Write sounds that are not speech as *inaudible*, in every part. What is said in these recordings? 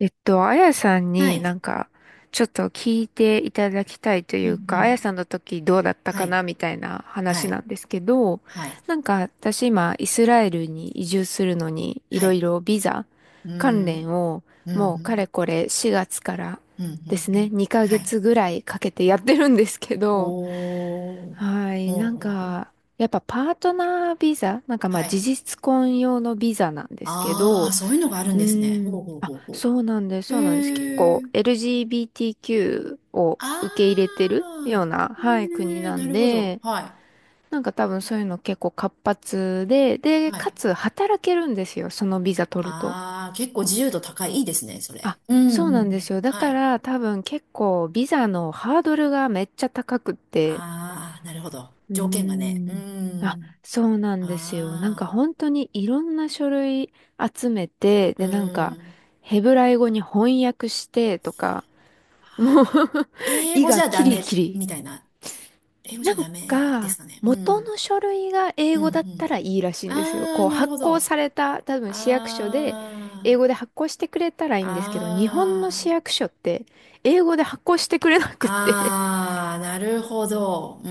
あやさんはにい。なんか、ちょっと聞いていただきたいといううん、うか、あやん。さんの時どうだったはかい。なみたいなは話ない。んですけど、はい。なんか私今、イスラエルに移住するのに、いはろいい。ろビザう関連ん。を、うん、うもうかん。れこれ4月からうん、うでん。すうね、ん、2はヶい。月ぐらいかけてやってるんですけど、お *laughs* ー。はい、ほうなんほうほう。か、やっぱパートナービザ、なんかまはあ事い。実婚用のビザなんですけああ、ど、そういうのがあるうんですね。ーん。ほうほうあ、ほうそほうなんです、う。そうなんです。結へ構 え。LGBTQ をあ受け入れてるようあ。な、はい、国へえ、ななんるほど。で、はなんか多分そういうの結構活発で、い。で、はかい。つ働けるんですよ、そのビザ取ると。ああ、結構自由度高い。いいですね、そあ、れ。うん、うそうん、うなんでん。すよ。だはかい。ら多分結構ビザのハードルがめっちゃ高くって。ああ、なるほど。うー条件がね。うん。あ、ん。そうなんですよ。なんかあ本当にいろんな書類集めて、あ。うで、なんかん。ヘブライ語に翻訳してとか、もう *laughs* 英意語じがゃキダリメ、キリ。みたいな。英語じなゃんダメですか、かね。う元ん。の書類が英うん、う語だったん。らいいらしいんですよ。あこー、う、なる発ほ行ど。された、多分市役所で、英あ語ー、で発行してくれたらいいんですけど、日本の市あー、役所って、英語で発行してくれなくって、あー、なるほど。うー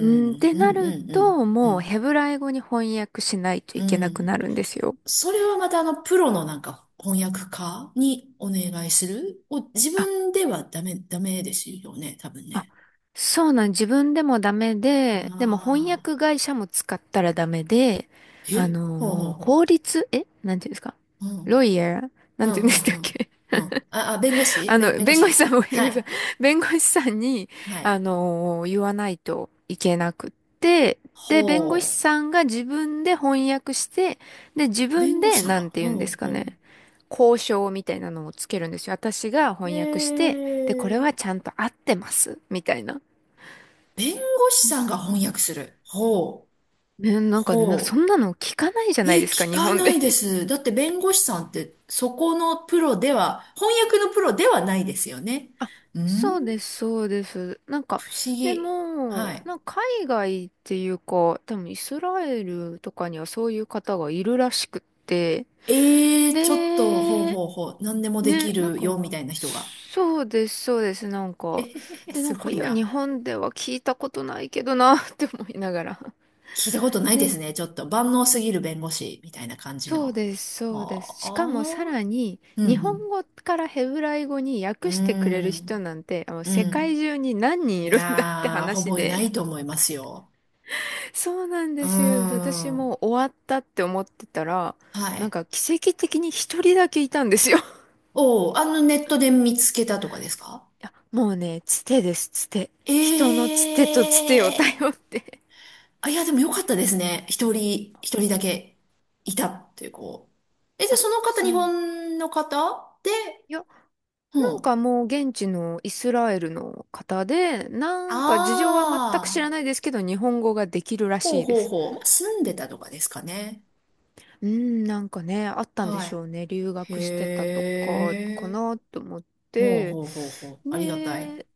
うん、ってうなん、うるん、うと、ん、うもうん。ヘブライ語に翻訳しないとういけなくなん。るんですよ。それはまたプロの翻訳家にお願いするを自分ではダメ、ダメですよね、多分あ、ね。そうなん、自分でもダメで、でも翻あ訳あ、会社も使ったらダメで、あほうほうのーほ法律、えなんていうんですか、う。うんロイヤー、なうんて言うんでん、うしん、たっうん。け。 うん。あ、あ、*laughs* あの、弁護弁護士さ士、んも、弁は護士さん、い。弁護士さんに、はい。言わないといけなくって、で、弁護士ほさんが自分で翻訳して、で、自う。弁分護士で、さんなが、んて言うんほですう、かほね、交渉みたいなのをつけるんですよ。私がう。翻訳しえて、で、これはちー、ゃんと合ってます、みたいな。弁護士さんが翻訳する。ほう、ね、なんか、そほんなの聞かないじゃう。なえ、いですか、聞日か本なで。いで *laughs* す。だって弁護士さんって、そこのプロでは、翻訳のプロではないですよね。あ、うそうん、です、そうです。なん不か、思で議。はも、い。なんか海外っていうか、多分イスラエルとかにはそういう方がいるらしくって、えー、ちょっと、ほうで、ほうほう、何でもできね、なんるよ、みか、たいな人が。そうです、そうです、なんへへか、へへ、で、なすんか、ごいいや、な。日本では聞いたことないけどな、って思いながら。聞いたことないですね。ちょっと万能すぎる弁護士みたいな感じそうの。です、そうです。あしかもさあ、らに、う日ん、うん。本語からヘブライ語にう訳してくれる人ん、なんて、あのう世界ん。中に何人いいるんだってやー、ほ話ぼいなで。いと思いますよ。そうなんうーですよ。で、私もん。う終わったって思ってたら、はなんい。か奇跡的に一人だけいたんですよ。*laughs* いおー、あのネットで見つけたとかですか？や、もうね、つてです、つて。人のえつてとつてをえー。頼って。あ、いや、でもよかったですね。一人、一人だけいたっていう子。え、じゃああ、その方、そ日う。本の方で、いや、うなんん。かもう現地のイスラエルの方で、なあんか事情は全く知らないあ。ですけど、日本語ができるらほしういでほうす。ほう。まあ住んでたとかですかね。うん、なんかね、あったんではしょうね。留い。へ学してたとか、かえ。なと思っほうて。ほうほうほう。ありがたい。で、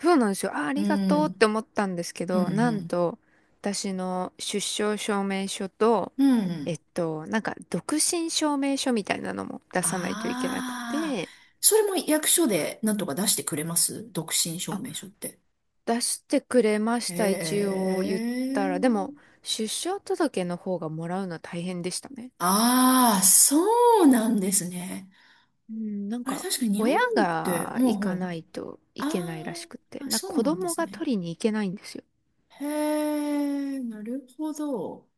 そうなんですよ。あ、あうりがとうってん。思ったんですけうんうど、なんん。と、私の出生証明書と、うんうん。なんか独身証明書みたいなのも出さないといけなくああ。て、それも役所でなんとか出してくれます、独身証明書って？出してくれましへた、一応言ったら。でも、え。出生届の方がもらうのは大変でしたね。ああ、そうなんですね。うん、なんあれか、確かに日本親って、がほう行ほかうほなう。いとあいけないらしくて、ー、あ、なんかそう子なんで供すがね。取りに行けないんですよ。へえ、なるほど。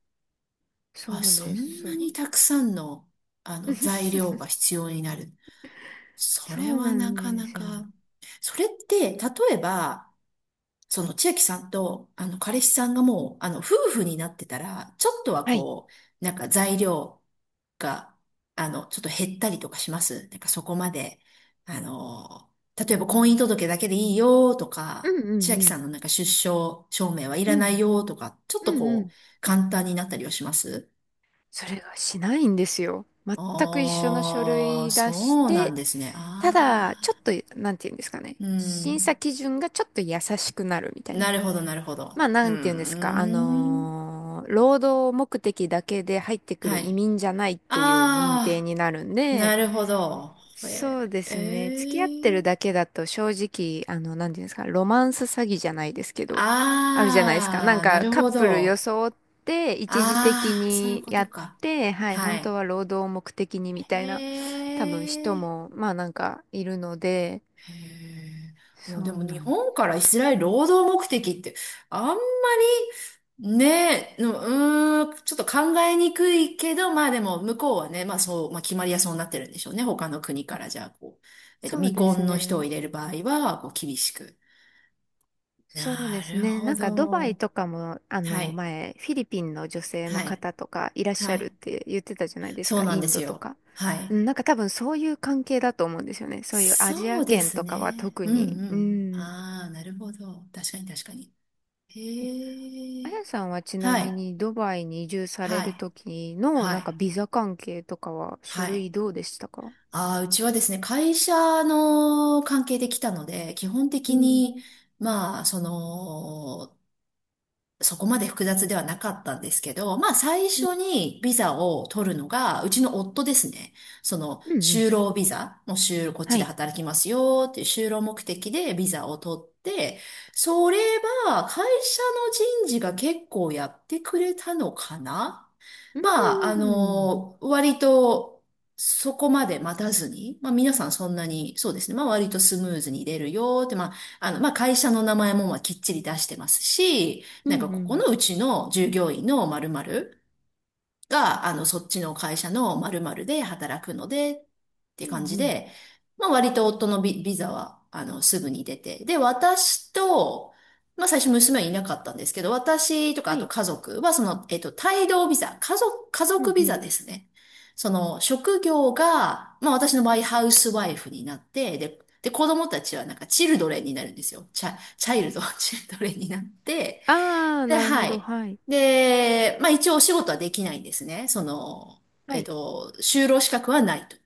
そあ、うそです、*laughs* んそなにう。たくさんの、材料が *laughs* 必要になる。そそれうはななんかでなすよ。か。それって、例えば、その千秋さんと、彼氏さんがもう、夫婦になってたら、ちょっとははい。こう、材料が、ちょっと減ったりとかします？なんかそこまで、う例えば婚姻ん、届だけでいいよとうか、んう千ん秋うさんん。の出生証明はいらうないん。よとか、ちょっうとんうこん。う、簡単になったりはします？それがしないんですよ。全く一緒の書ああ、類出しそうなんて、ですね。あただ、ちょっあ、と、なんて言うんですかね。う審ん。査基準がちょっと優しくなるみたいな。なるほど、なるほまど。あ、うなーんて言うんですか。ん。労働目的だけで入ってくるはい。移民じゃないっていう認定あになるんあ、なで、るほど。え、そうでえすね。付き合ってるー、だけだと正直、あの、なんていうんですか。ロマンス詐欺じゃないですけど、あるじゃないですか。なあんあー、なか、るカッほプルど。装って、一時的ああ、そういうにこやとっか。て、はい、は本当い。は労働を目的にみたいな、へ多分人え。も、まあなんかいるので、へえ。もそうでもう日なんです。本からイスラエル労働目的ってあんまりね、ううーん、ちょっと考えにくいけど、まあでも向こうはね、まあそう、まあ決まりやそうになってるんでしょうね。他の国かあ、らじゃあこう、そう未です婚の人をね。入れる場合は、こう厳しく。そうでなするね。ほなんかドバイど。とかも、あはの、い、前、フィリピンの女性のはい、方とかいらっしゃはるっい。て言ってたじゃないですそか、うなんイでンすドとよ。か。はうい。ん、なんか多分そういう関係だと思うんですよね。そういうアジそアうで圏すとかはね。特うんに。ううん。ん。ああ、なるほど。確かに確かに。え、へあえ。やさんはちなはみい。にドバイに移住されはるい、時の、はなんい、かビザ関係とかは書は類い。どうでしたか。ああ、うちはですね、会社の関係で来たので、基本う的ん。に、まあ、その、そこまで複雑ではなかったんですけど、まあ最うん。初にビザを取るのが、うちの夫ですね。そのうんうん。就労ビザ、もうこっちはでい。働きますよっていう就労目的でビザを取って、それは会社の人事が結構やってくれたのかな。うまあ、ん。割と、そこまで待たずに、まあ皆さんそんなに、そうですね、まあ割とスムーズに出るよって、まあ、まあ会社の名前もまあきっちり出してますし、うなんんうかん。うんこうこん。のうちの従業員の〇〇が、そっちの会社の〇〇で働くので、ってうん感じうん。で、まあ割と夫のビ、ビザは、すぐに出て。で、私と、まあ最初娘はいなかったんですけど、私とかはあとい、家族はその、帯同ビザ、家う族んうビザん。ですね。その、職業が、まあ私の場合ハウスワイフになって、で、で、子供たちはなんかチルドレンになるんですよ。チャイルド、*laughs* チルドレンになって、ああ、で、なるほはど。い。はい。で、まあ一応お仕事はできないんですね。その、はい。就労資格はないと。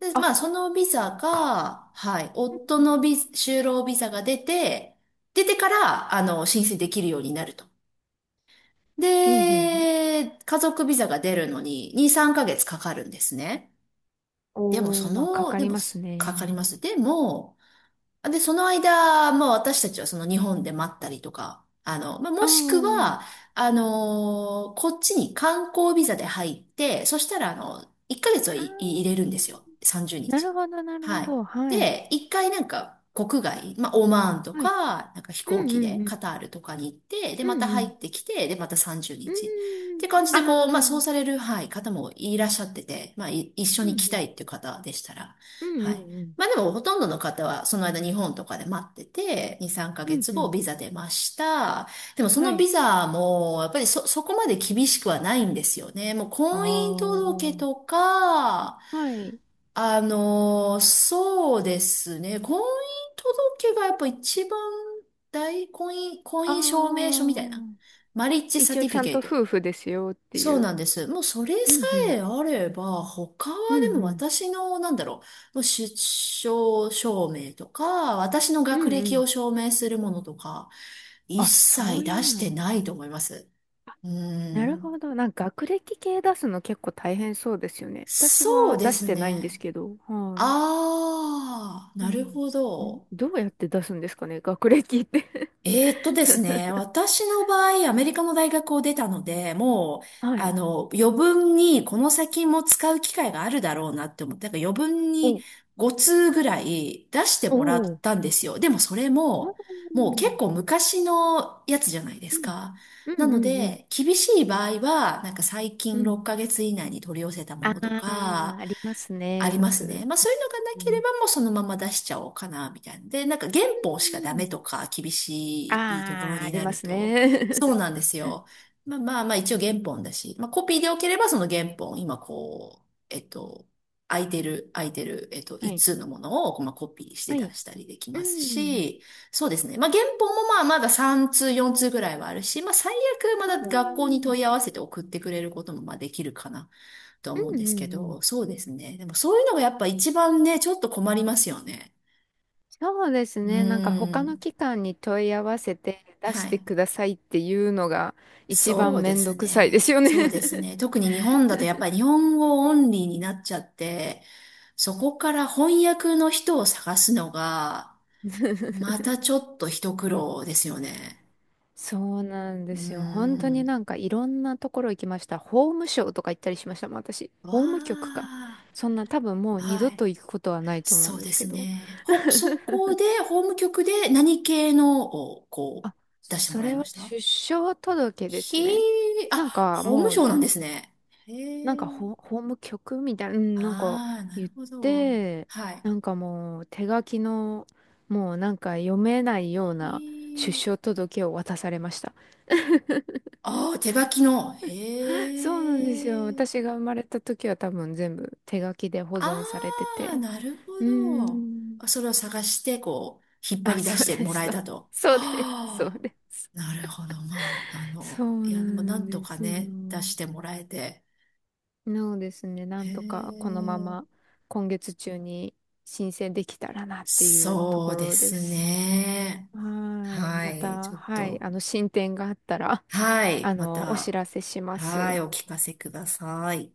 で、まあ、あそのビそザっか。が、はい、う夫ん、のビ、就労ビザが出て、出てから、申請できるようになると。うん、うんうん、で、家族ビザが出るのに2、3ヶ月かかるんですね。でもおそー、まあ、かの、かでりも、ますかね。かります。でも、で、その間、まあ私たちはその日本で待ったりとか、まあ、あもしくー、は、こっちに観光ビザで入って、そしたら、1ヶ月はあー、い入れるんですよ。30なる日。ほど、なるはほど。い。はい。で、一回なんか国外、まあ、オマーンとはい。か、なんか飛う行ん、機うん、でうん。カタールとかに行って、で、うまたん、う入っん。てきて、で、また30う日。っんうん、て感じで、こう、まあ、そうあされあ、る、はい、方もいらっしゃってて、まあ、一緒うん、うに来たん。いっていう方でしたら、うん、うはい。ん、うん。まあでもほとんどの方はその間日本とかで待ってて、2、3ヶうん、月う後ん。ビザ出ました。でもそはのい。ビザもやっぱりそこまで厳しくはないんですよね。もうあ婚姻あ、届とか、はい。そうですね。婚姻届がやっぱ一番大、婚あ姻証明書みたいな。あ、マリッジサ一テ応ィちフィゃんケとイト。夫婦ですよってそういう。なんです。もうそれうさん、うん。えあれば、他は。うん、うでもん。私の、なんだろう、もう出生証明とか、私のう学ん、う歴ん。を証明するものとか、一あ、そ切う出いうしての。ないと思います。うなるん。ほど。なんか学歴系出すの結構大変そうですよね。私そうはで出しすてないんですね。けど。はい。ああ、うなるん。ほど。どうやって出すんですかね、学歴って。 ですね、私の場合、アメリカの大学を出たので、もう、*laughs* はい。余分にこの先も使う機会があるだろうなって思って、だから余分にお、5通ぐらい出しておもらー、ったんですよ。でもそれあー、も、もうう結ん。構昔のやつじゃないでうすんか。うなのんうん。で、厳しい場合は、なんか最う近ん。6ヶ月以内に取り寄せたもあのとあ、か、ありますあね。りよますね。く。まあそういうのがなうけれん。ばもうそのまま出しちゃおうかな、みたいな。で、なんか原う本しかダメん。とか厳しいところああ、あにりなまるすと、ね。そうなんですよ。まあまあまあ一応原本だし、まあコピーでよければその原本、今こう、空いてる、*laughs* は一い。通のものを、まあ、コピーしては出い。したりできうますん。し、そうですね。まあ原本もまあまだ3通、4通ぐらいはあるし、まあ最悪まああ。だ学校にうん問い合わせて送ってくれることもまあできるかな、と思うんうでんすけうど、ん。そうですね。でもそういうのがやっぱ一番ね、ちょっと困りますよね。そうですうね。なんかー他のん。機関に問い合わせて出しはてい。くださいっていうのが一番そうめでんどすくさいですね。よね。 そうです *laughs* ね。特に日本だとやっぱり日本語オンリーになっちゃって、そこから翻訳の人を探すのが、またちょっと一苦労ですよね。そうなんうでーすよ。本当にん。なんかいろんなところ行きました。法務省とか行ったりしましたもん、私。わ法務局か。あ。そんな多分もう二度はい。と行くことはないと思うそんうでですけすど。ね。*laughs* そこで、法務局で何系のを、こあ、う、出してそもらいれまはした？出生届でひすー、ね。なんあ、か法務もう、省なんですね。へなんかえ。法務局みたいな、うん、なんかああ、な言るっほど。て、はい。なんかもう手書きの、もうなんか読めないような出ひー、生届を渡されました。ああ、手書きの。*laughs* そうなんですよ。へえ。私が生まれた時は多分全部手書きで保あ存されてあ、て。なるほうーど。ん。あ、それを探して、こう、引っ張あ、り出そしうてでもす。らえたと。*laughs* そうそうです。そうはあ、でなるほど。まあ、す。そいうなや、でもなんんとでかすよ。ね、出してもらえて。なのですね、なへんとかこのまえ。ま今月中に申請できたらなっていうとそこうでろですす。ね。はーい。はまい。ちた、ょっはい。と。あの、進展があったら、はあい。まの、お知た、らせしまはい。す。お聞かせください。